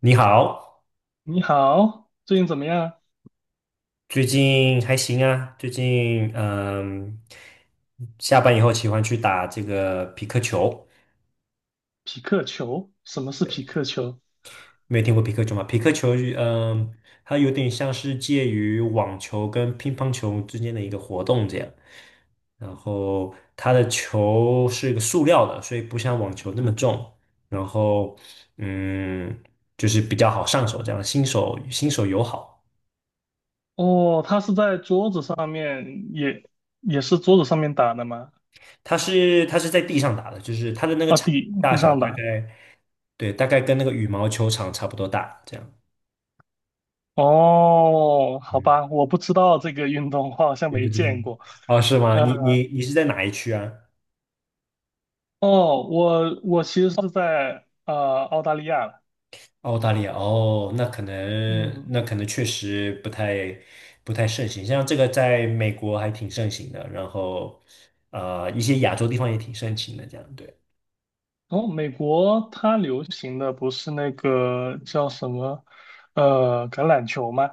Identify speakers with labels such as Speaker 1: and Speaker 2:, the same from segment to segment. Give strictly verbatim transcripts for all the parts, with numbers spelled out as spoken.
Speaker 1: 你好，
Speaker 2: 你好，最近怎么样？
Speaker 1: 最近还行啊？最近嗯，下班以后喜欢去打这个皮克球。
Speaker 2: 匹克球？什么是匹
Speaker 1: 对，
Speaker 2: 克球？
Speaker 1: 没有听过皮克球吗？皮克球，嗯，它有点像是介于网球跟乒乓球之间的一个活动这样。然后它的球是一个塑料的，所以不像网球那么重。然后嗯，就是比较好上手，这样新手新手友好。
Speaker 2: 哦，它是在桌子上面，也也是桌子上面打的吗？
Speaker 1: 它是它是在地上打的，就是它的那个
Speaker 2: 啊，
Speaker 1: 场地
Speaker 2: 地
Speaker 1: 大
Speaker 2: 地
Speaker 1: 小
Speaker 2: 上
Speaker 1: 大
Speaker 2: 打。
Speaker 1: 概对，大概跟那个羽毛球场差不多大，这样。
Speaker 2: 哦，好
Speaker 1: 嗯，
Speaker 2: 吧，我不知道这个运动，我好像
Speaker 1: 你不
Speaker 2: 没
Speaker 1: 知道吗？
Speaker 2: 见过。
Speaker 1: 哦，是吗？你
Speaker 2: 呃，
Speaker 1: 你你是在哪一区啊？
Speaker 2: 哦，我我其实是在呃澳大利亚的。
Speaker 1: 澳大利亚哦，那可能那
Speaker 2: 嗯，
Speaker 1: 可能确实不太不太盛行，像这个在美国还挺盛行的，然后呃一些亚洲地方也挺盛行的，这样对。
Speaker 2: 哦，美国它流行的不是那个叫什么呃橄榄球吗？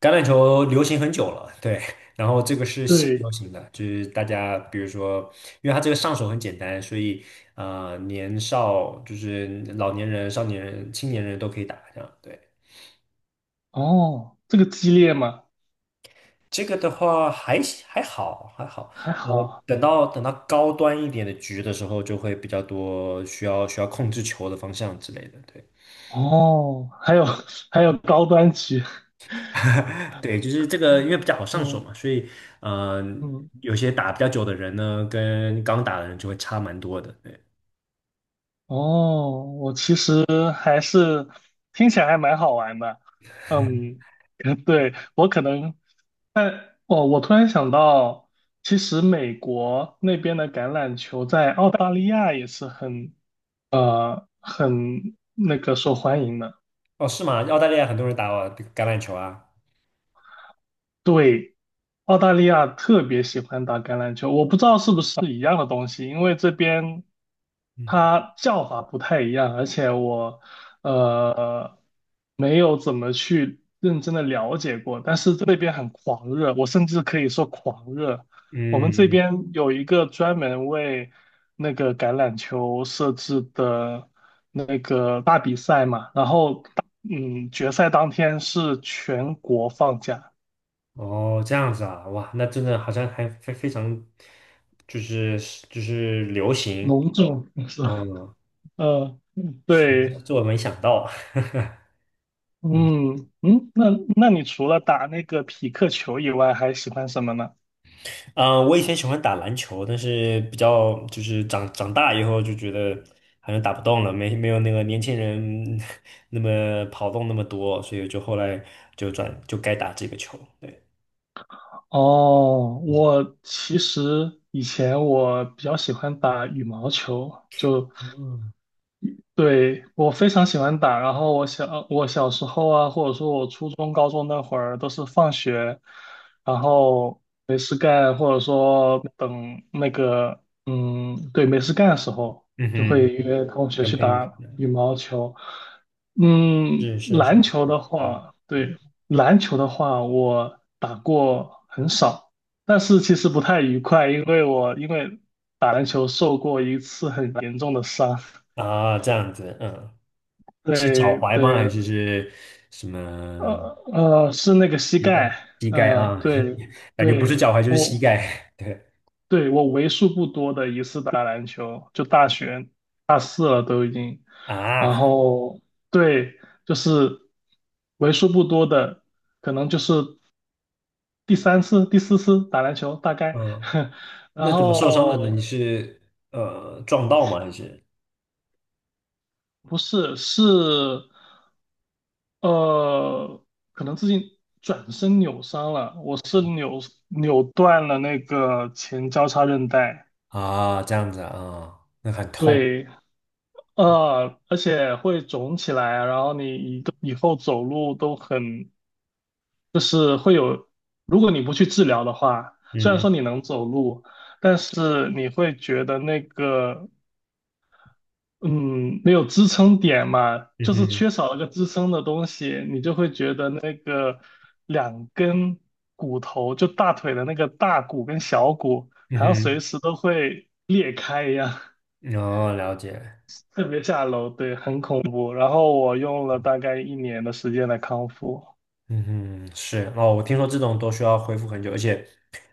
Speaker 1: 橄榄球流行很久了，对，然后这个是新流
Speaker 2: 对，
Speaker 1: 行的，就是大家比如说，因为它这个上手很简单，所以呃，年少就是老年人、少年人、青年人都可以打，这样对。
Speaker 2: 哦，这个激烈吗？
Speaker 1: 这个的话还还好还好，
Speaker 2: 还
Speaker 1: 呃，
Speaker 2: 好
Speaker 1: 等到等到高端一点的局的时候，就会比较多需要需要控制球的方向之类的，对。
Speaker 2: 哦，还有 还有高端局，
Speaker 1: 对，就是这个，因为比较好上手
Speaker 2: 嗯
Speaker 1: 嘛，所以，嗯、
Speaker 2: 嗯，
Speaker 1: 有些打比较久的人呢，跟刚打的人就会差蛮多的。对，
Speaker 2: 哦，我其实还是听起来还蛮好玩的，嗯，对，我可能，哦，我突然想到，其实美国那边的橄榄球在澳大利亚也是很很那个受欢迎的。
Speaker 1: 哦，是吗？澳大利亚很多人打哦橄榄球啊。
Speaker 2: 对，澳大利亚特别喜欢打橄榄球，我不知道是不是一样的东西，因为这边
Speaker 1: 嗯
Speaker 2: 它叫法不太一样，而且我呃没有怎么去认真的了解过，但是这边很狂热，我甚至可以说狂热。我们这
Speaker 1: 嗯，嗯
Speaker 2: 边有一个专门为那个橄榄球设置的那个大比赛嘛，然后嗯决赛当天是全国放假。
Speaker 1: 哦，这样子啊，哇，那真的好像还非非常，就是就是流行。
Speaker 2: 隆重是吧？
Speaker 1: 嗯，
Speaker 2: 嗯，
Speaker 1: 是，这
Speaker 2: 对，
Speaker 1: 这我没想到。没，
Speaker 2: 嗯嗯，那那你除了打那个匹克球以外，还喜欢什么呢？
Speaker 1: 嗯，我以前喜欢打篮球，但是比较就是长长大以后就觉得好像打不动了，没没有那个年轻人 那么跑动那么多，所以就后来就转就该打这个球。对，
Speaker 2: 哦，
Speaker 1: 嗯
Speaker 2: 我其实以前我比较喜欢打羽毛球，就
Speaker 1: 嗯
Speaker 2: 对，我非常喜欢打，然后我小我小时候啊，或者说我初中、高中那会儿，都是放学，然后没事干，或者说等那个，嗯，对，没事干的时候，
Speaker 1: 嗯
Speaker 2: 就会
Speaker 1: 哼，
Speaker 2: 约同学
Speaker 1: 跟
Speaker 2: 去
Speaker 1: 朋友一起。
Speaker 2: 打羽毛球。嗯，
Speaker 1: 是是是，
Speaker 2: 篮球的
Speaker 1: 嗯
Speaker 2: 话，
Speaker 1: 嗯
Speaker 2: 对，篮球的话，我打过很少，但是其实不太愉快，因为我因为打篮球受过一次很严重的伤。
Speaker 1: 啊，这样子，嗯，是脚
Speaker 2: 对
Speaker 1: 踝吗？还
Speaker 2: 对，
Speaker 1: 是是什
Speaker 2: 呃
Speaker 1: 么
Speaker 2: 呃，是那个膝
Speaker 1: 膝盖？
Speaker 2: 盖，
Speaker 1: 膝盖
Speaker 2: 呃，
Speaker 1: 啊，
Speaker 2: 对
Speaker 1: 感觉不是
Speaker 2: 对，
Speaker 1: 脚踝就是膝
Speaker 2: 我
Speaker 1: 盖。对
Speaker 2: 对我为数不多的一次打篮球，就大学呃都已经，然
Speaker 1: 啊，
Speaker 2: 后对，就是为数不多的，可能就是第三次、第四次打篮球大概，
Speaker 1: 嗯，
Speaker 2: 然
Speaker 1: 那怎么受伤的呢？你
Speaker 2: 后
Speaker 1: 是呃撞到吗？还是
Speaker 2: 不是是呃，可能自己转身扭伤了，我是扭扭断了那个前交叉韧带，
Speaker 1: 啊这样子啊？那很痛。
Speaker 2: 对，
Speaker 1: 嗯
Speaker 2: 呃，而且会肿起来，然后你以以后走路都很，就是会有，如果你不去治疗的话，虽然
Speaker 1: 嗯
Speaker 2: 说你能走路，但是你会觉得那个嗯，没有支撑点嘛，
Speaker 1: 嗯
Speaker 2: 就是
Speaker 1: 哼
Speaker 2: 缺少了个支撑的东西，你就会觉得那个两根骨头，就大腿的那个大骨跟小骨，好像随
Speaker 1: 嗯
Speaker 2: 时都会裂开一样，
Speaker 1: 哼，哦，了解。
Speaker 2: 特别下楼，对，很恐怖。然后我用了大概一年的时间来康复。
Speaker 1: 嗯哼，是哦，我听说这种都需要恢复很久，而且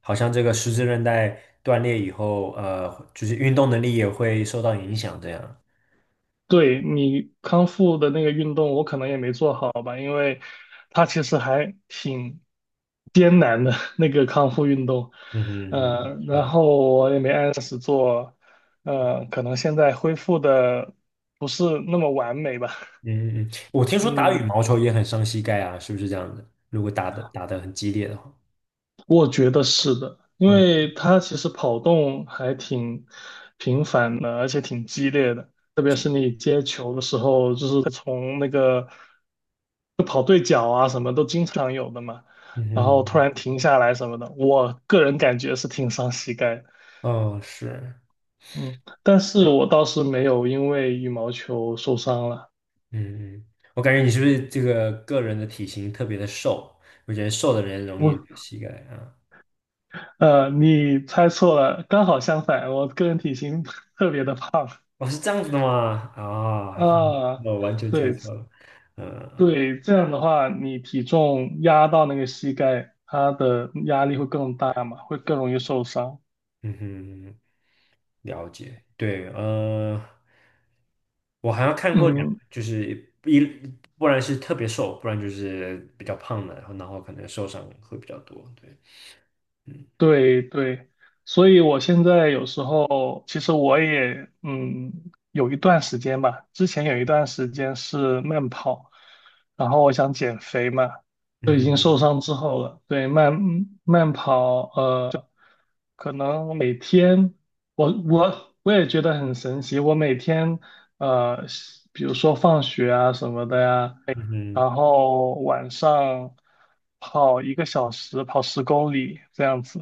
Speaker 1: 好像这个十字韧带断裂以后，呃，就是运动能力也会受到影响，这样。
Speaker 2: 对你康复的那个运动，我可能也没做好吧，因为它其实还挺艰难的 那个康复运动，
Speaker 1: 嗯哼嗯哼，
Speaker 2: 嗯，然
Speaker 1: 是，
Speaker 2: 后我也没按时做，呃，可能现在恢复的不是那么完美吧，
Speaker 1: 嗯嗯嗯，我听 说打
Speaker 2: 嗯。
Speaker 1: 羽毛球也很伤膝盖啊，是不是这样子？如果打的打的很激烈的话，
Speaker 2: 我觉得是的，因
Speaker 1: 嗯
Speaker 2: 为他其实跑动还挺频繁的，而且挺激烈的，特别是你接球的时候，就是从那个就跑对角啊什么都经常有的嘛，
Speaker 1: 嗯
Speaker 2: 然后突
Speaker 1: 哼，
Speaker 2: 然停下来什么的，我个人感觉是挺伤膝盖的，
Speaker 1: 哦是，
Speaker 2: 嗯，但是
Speaker 1: 对，
Speaker 2: 我倒是没有因为羽毛球受伤了。
Speaker 1: 嗯嗯，我感觉你是不是这个个人的体型特别的瘦？我觉得瘦的人容
Speaker 2: 我，
Speaker 1: 易膝盖啊。
Speaker 2: 呃，你猜错了，刚好相反，我个人体型 特别的胖
Speaker 1: 哦，是这样子的吗？啊、
Speaker 2: 啊，
Speaker 1: 那我完全猜
Speaker 2: 对，
Speaker 1: 错了。呃
Speaker 2: 对，这样的话，你体重压到那个膝盖，它的压力会更大嘛，会更容易受伤。
Speaker 1: 嗯哼，了解。对，呃，我好像看过两个
Speaker 2: 嗯，
Speaker 1: 就是一，不然是特别瘦，不然就是比较胖的，然后然后可能受伤会比较多。对，嗯
Speaker 2: 对对，所以我现在有时候，其实我也嗯，有一段时间吧，之前有一段时间是慢跑，然后我想减肥嘛，
Speaker 1: 嗯
Speaker 2: 就已经
Speaker 1: 哼
Speaker 2: 受伤之后了，对，慢慢跑，呃。可能每天，我我我也觉得很神奇。我每天，呃，比如说放学啊什么的呀，
Speaker 1: 嗯哼，
Speaker 2: 然后晚上跑一个小时，跑十公里这样子。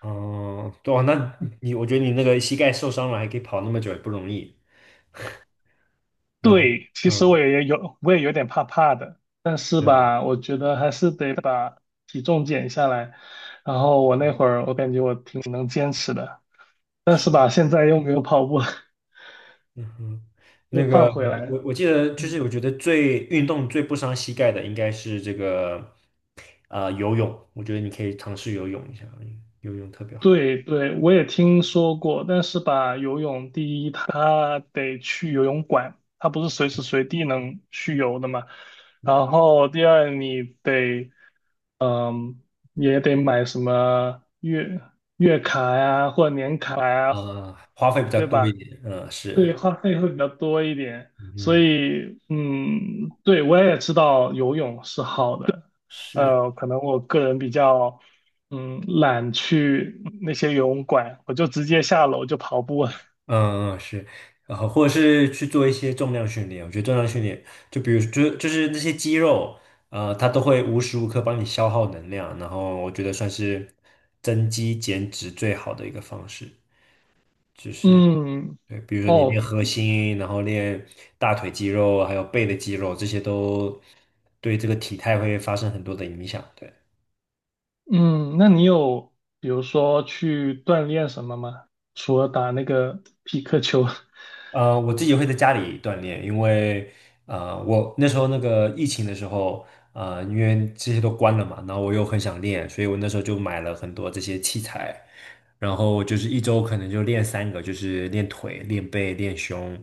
Speaker 1: 哦、对哦，那你我觉得你那个膝盖受伤了还可以跑那么久也不容易。然后，
Speaker 2: 对，其实我
Speaker 1: 嗯，
Speaker 2: 也有，我也有点怕怕的，但是
Speaker 1: 对。
Speaker 2: 吧，我觉得还是得把体重减下来。然后我那会儿，我感觉我挺能坚持的，但是吧，
Speaker 1: 是。
Speaker 2: 现在又没有跑步了
Speaker 1: 嗯哼，
Speaker 2: 又
Speaker 1: 那
Speaker 2: 胖
Speaker 1: 个
Speaker 2: 回来
Speaker 1: 我
Speaker 2: 了。
Speaker 1: 我记得就是
Speaker 2: 嗯
Speaker 1: 我觉得最运动最不伤膝盖的应该是这个呃游泳，我觉得你可以尝试游泳一下，游泳特别好，
Speaker 2: 对对，我也听说过，但是吧，游泳第一，它得去游泳馆，它不是随时随地能去游的嘛。然后第二，你得嗯，也得买什么月月卡呀，或者年卡呀，
Speaker 1: 啊，花费比较
Speaker 2: 对
Speaker 1: 多一
Speaker 2: 吧？
Speaker 1: 点，嗯、是，
Speaker 2: 对，花费会比较多一点，所
Speaker 1: 嗯
Speaker 2: 以，嗯，对，我也知道游泳是好的，
Speaker 1: 是，
Speaker 2: 呃，可能我个人比较，嗯，懒去那些游泳馆，我就直接下楼就跑步了。
Speaker 1: 嗯嗯是，然后或者是去做一些重量训练，我觉得重量训练就比如就就是那些肌肉，呃，它都会无时无刻帮你消耗能量，然后我觉得算是增肌减脂最好的一个方式。就 是
Speaker 2: 嗯，
Speaker 1: 对，比如说你练
Speaker 2: 哦，
Speaker 1: 核心，然后练大腿肌肉，还有背的肌肉，这些都对这个体态会发生很多的影响。对。
Speaker 2: 嗯，那你有比如说去锻炼什么吗？除了打那个匹克球？
Speaker 1: 呃，我自己会在家里锻炼，因为呃，我那时候那个疫情的时候，呃，因为这些都关了嘛，然后我又很想练，所以我那时候就买了很多这些器材，然后就是一周可能就练三个，就是练腿、练背、练胸，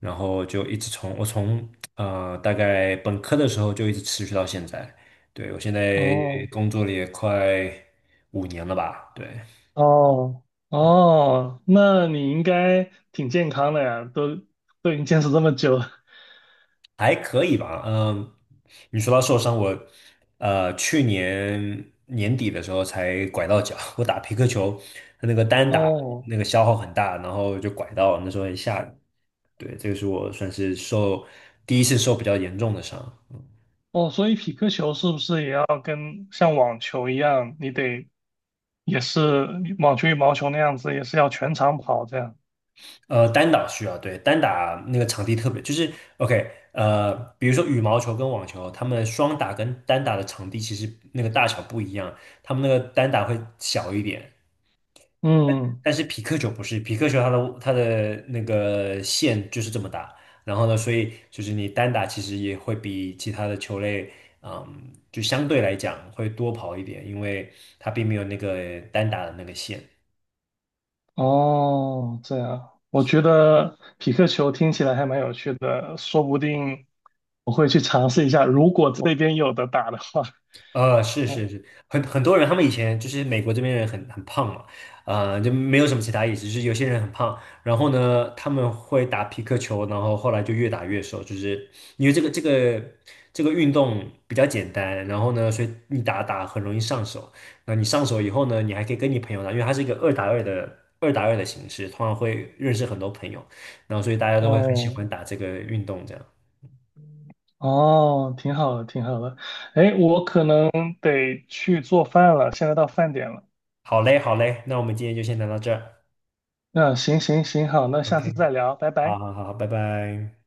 Speaker 1: 然后就一直从我从呃大概本科的时候就一直持续到现在，对，我现在
Speaker 2: 哦，
Speaker 1: 工作了也快五年了吧，对。
Speaker 2: 哦哦，那你应该挺健康的呀，都都已经坚持这么久了。
Speaker 1: 还可以吧，嗯，你说到受伤，我呃去年年底的时候才拐到脚，我打皮克球，它那个单打
Speaker 2: 哦
Speaker 1: 那个消耗很大，然后就拐到了，那时候很下人。对，这个是我算是受第一次受比较严重的伤。
Speaker 2: 哦，所以匹克球是不是也要跟像网球一样，你得也是网球、羽毛球那样子，也是要全场跑这样？
Speaker 1: 呃，单打需要，对，单打那个场地特别，就是 OK，呃，比如说羽毛球跟网球，他们双打跟单打的场地其实那个大小不一样，他们那个单打会小一点，
Speaker 2: 嗯，
Speaker 1: 但是匹克球不是，匹克球它的它的那个线就是这么大，然后呢，所以就是你单打其实也会比其他的球类，嗯，就相对来讲会多跑一点，因为它并没有那个单打的那个线。
Speaker 2: 哦，这样，我觉得匹克球听起来还蛮有趣的，说不定我会去尝试一下，如果这边有的打的话。
Speaker 1: 呃，是
Speaker 2: 嗯，
Speaker 1: 是是，很很多人，他们以前就是美国这边人很很胖嘛，呃，就没有什么其他意思，就是有些人很胖，然后呢，他们会打皮克球，然后后来就越打越瘦，就是因为这个这个这个运动比较简单，然后呢，所以你打打很容易上手，那你上手以后呢，你还可以跟你朋友打，因为它是一个二打二的二打二的形式，通常会认识很多朋友，然后所以大家都会很喜
Speaker 2: 哦。
Speaker 1: 欢打这个运动，这样。
Speaker 2: 哦，挺好的，挺好的。哎，我可能得去做饭了，现在到饭点了。
Speaker 1: 好嘞，好嘞，那我们今天就先聊到这儿
Speaker 2: 嗯，行行行，好，那下次
Speaker 1: ，OK。
Speaker 2: 再聊，拜
Speaker 1: 好
Speaker 2: 拜。
Speaker 1: 好好，拜拜。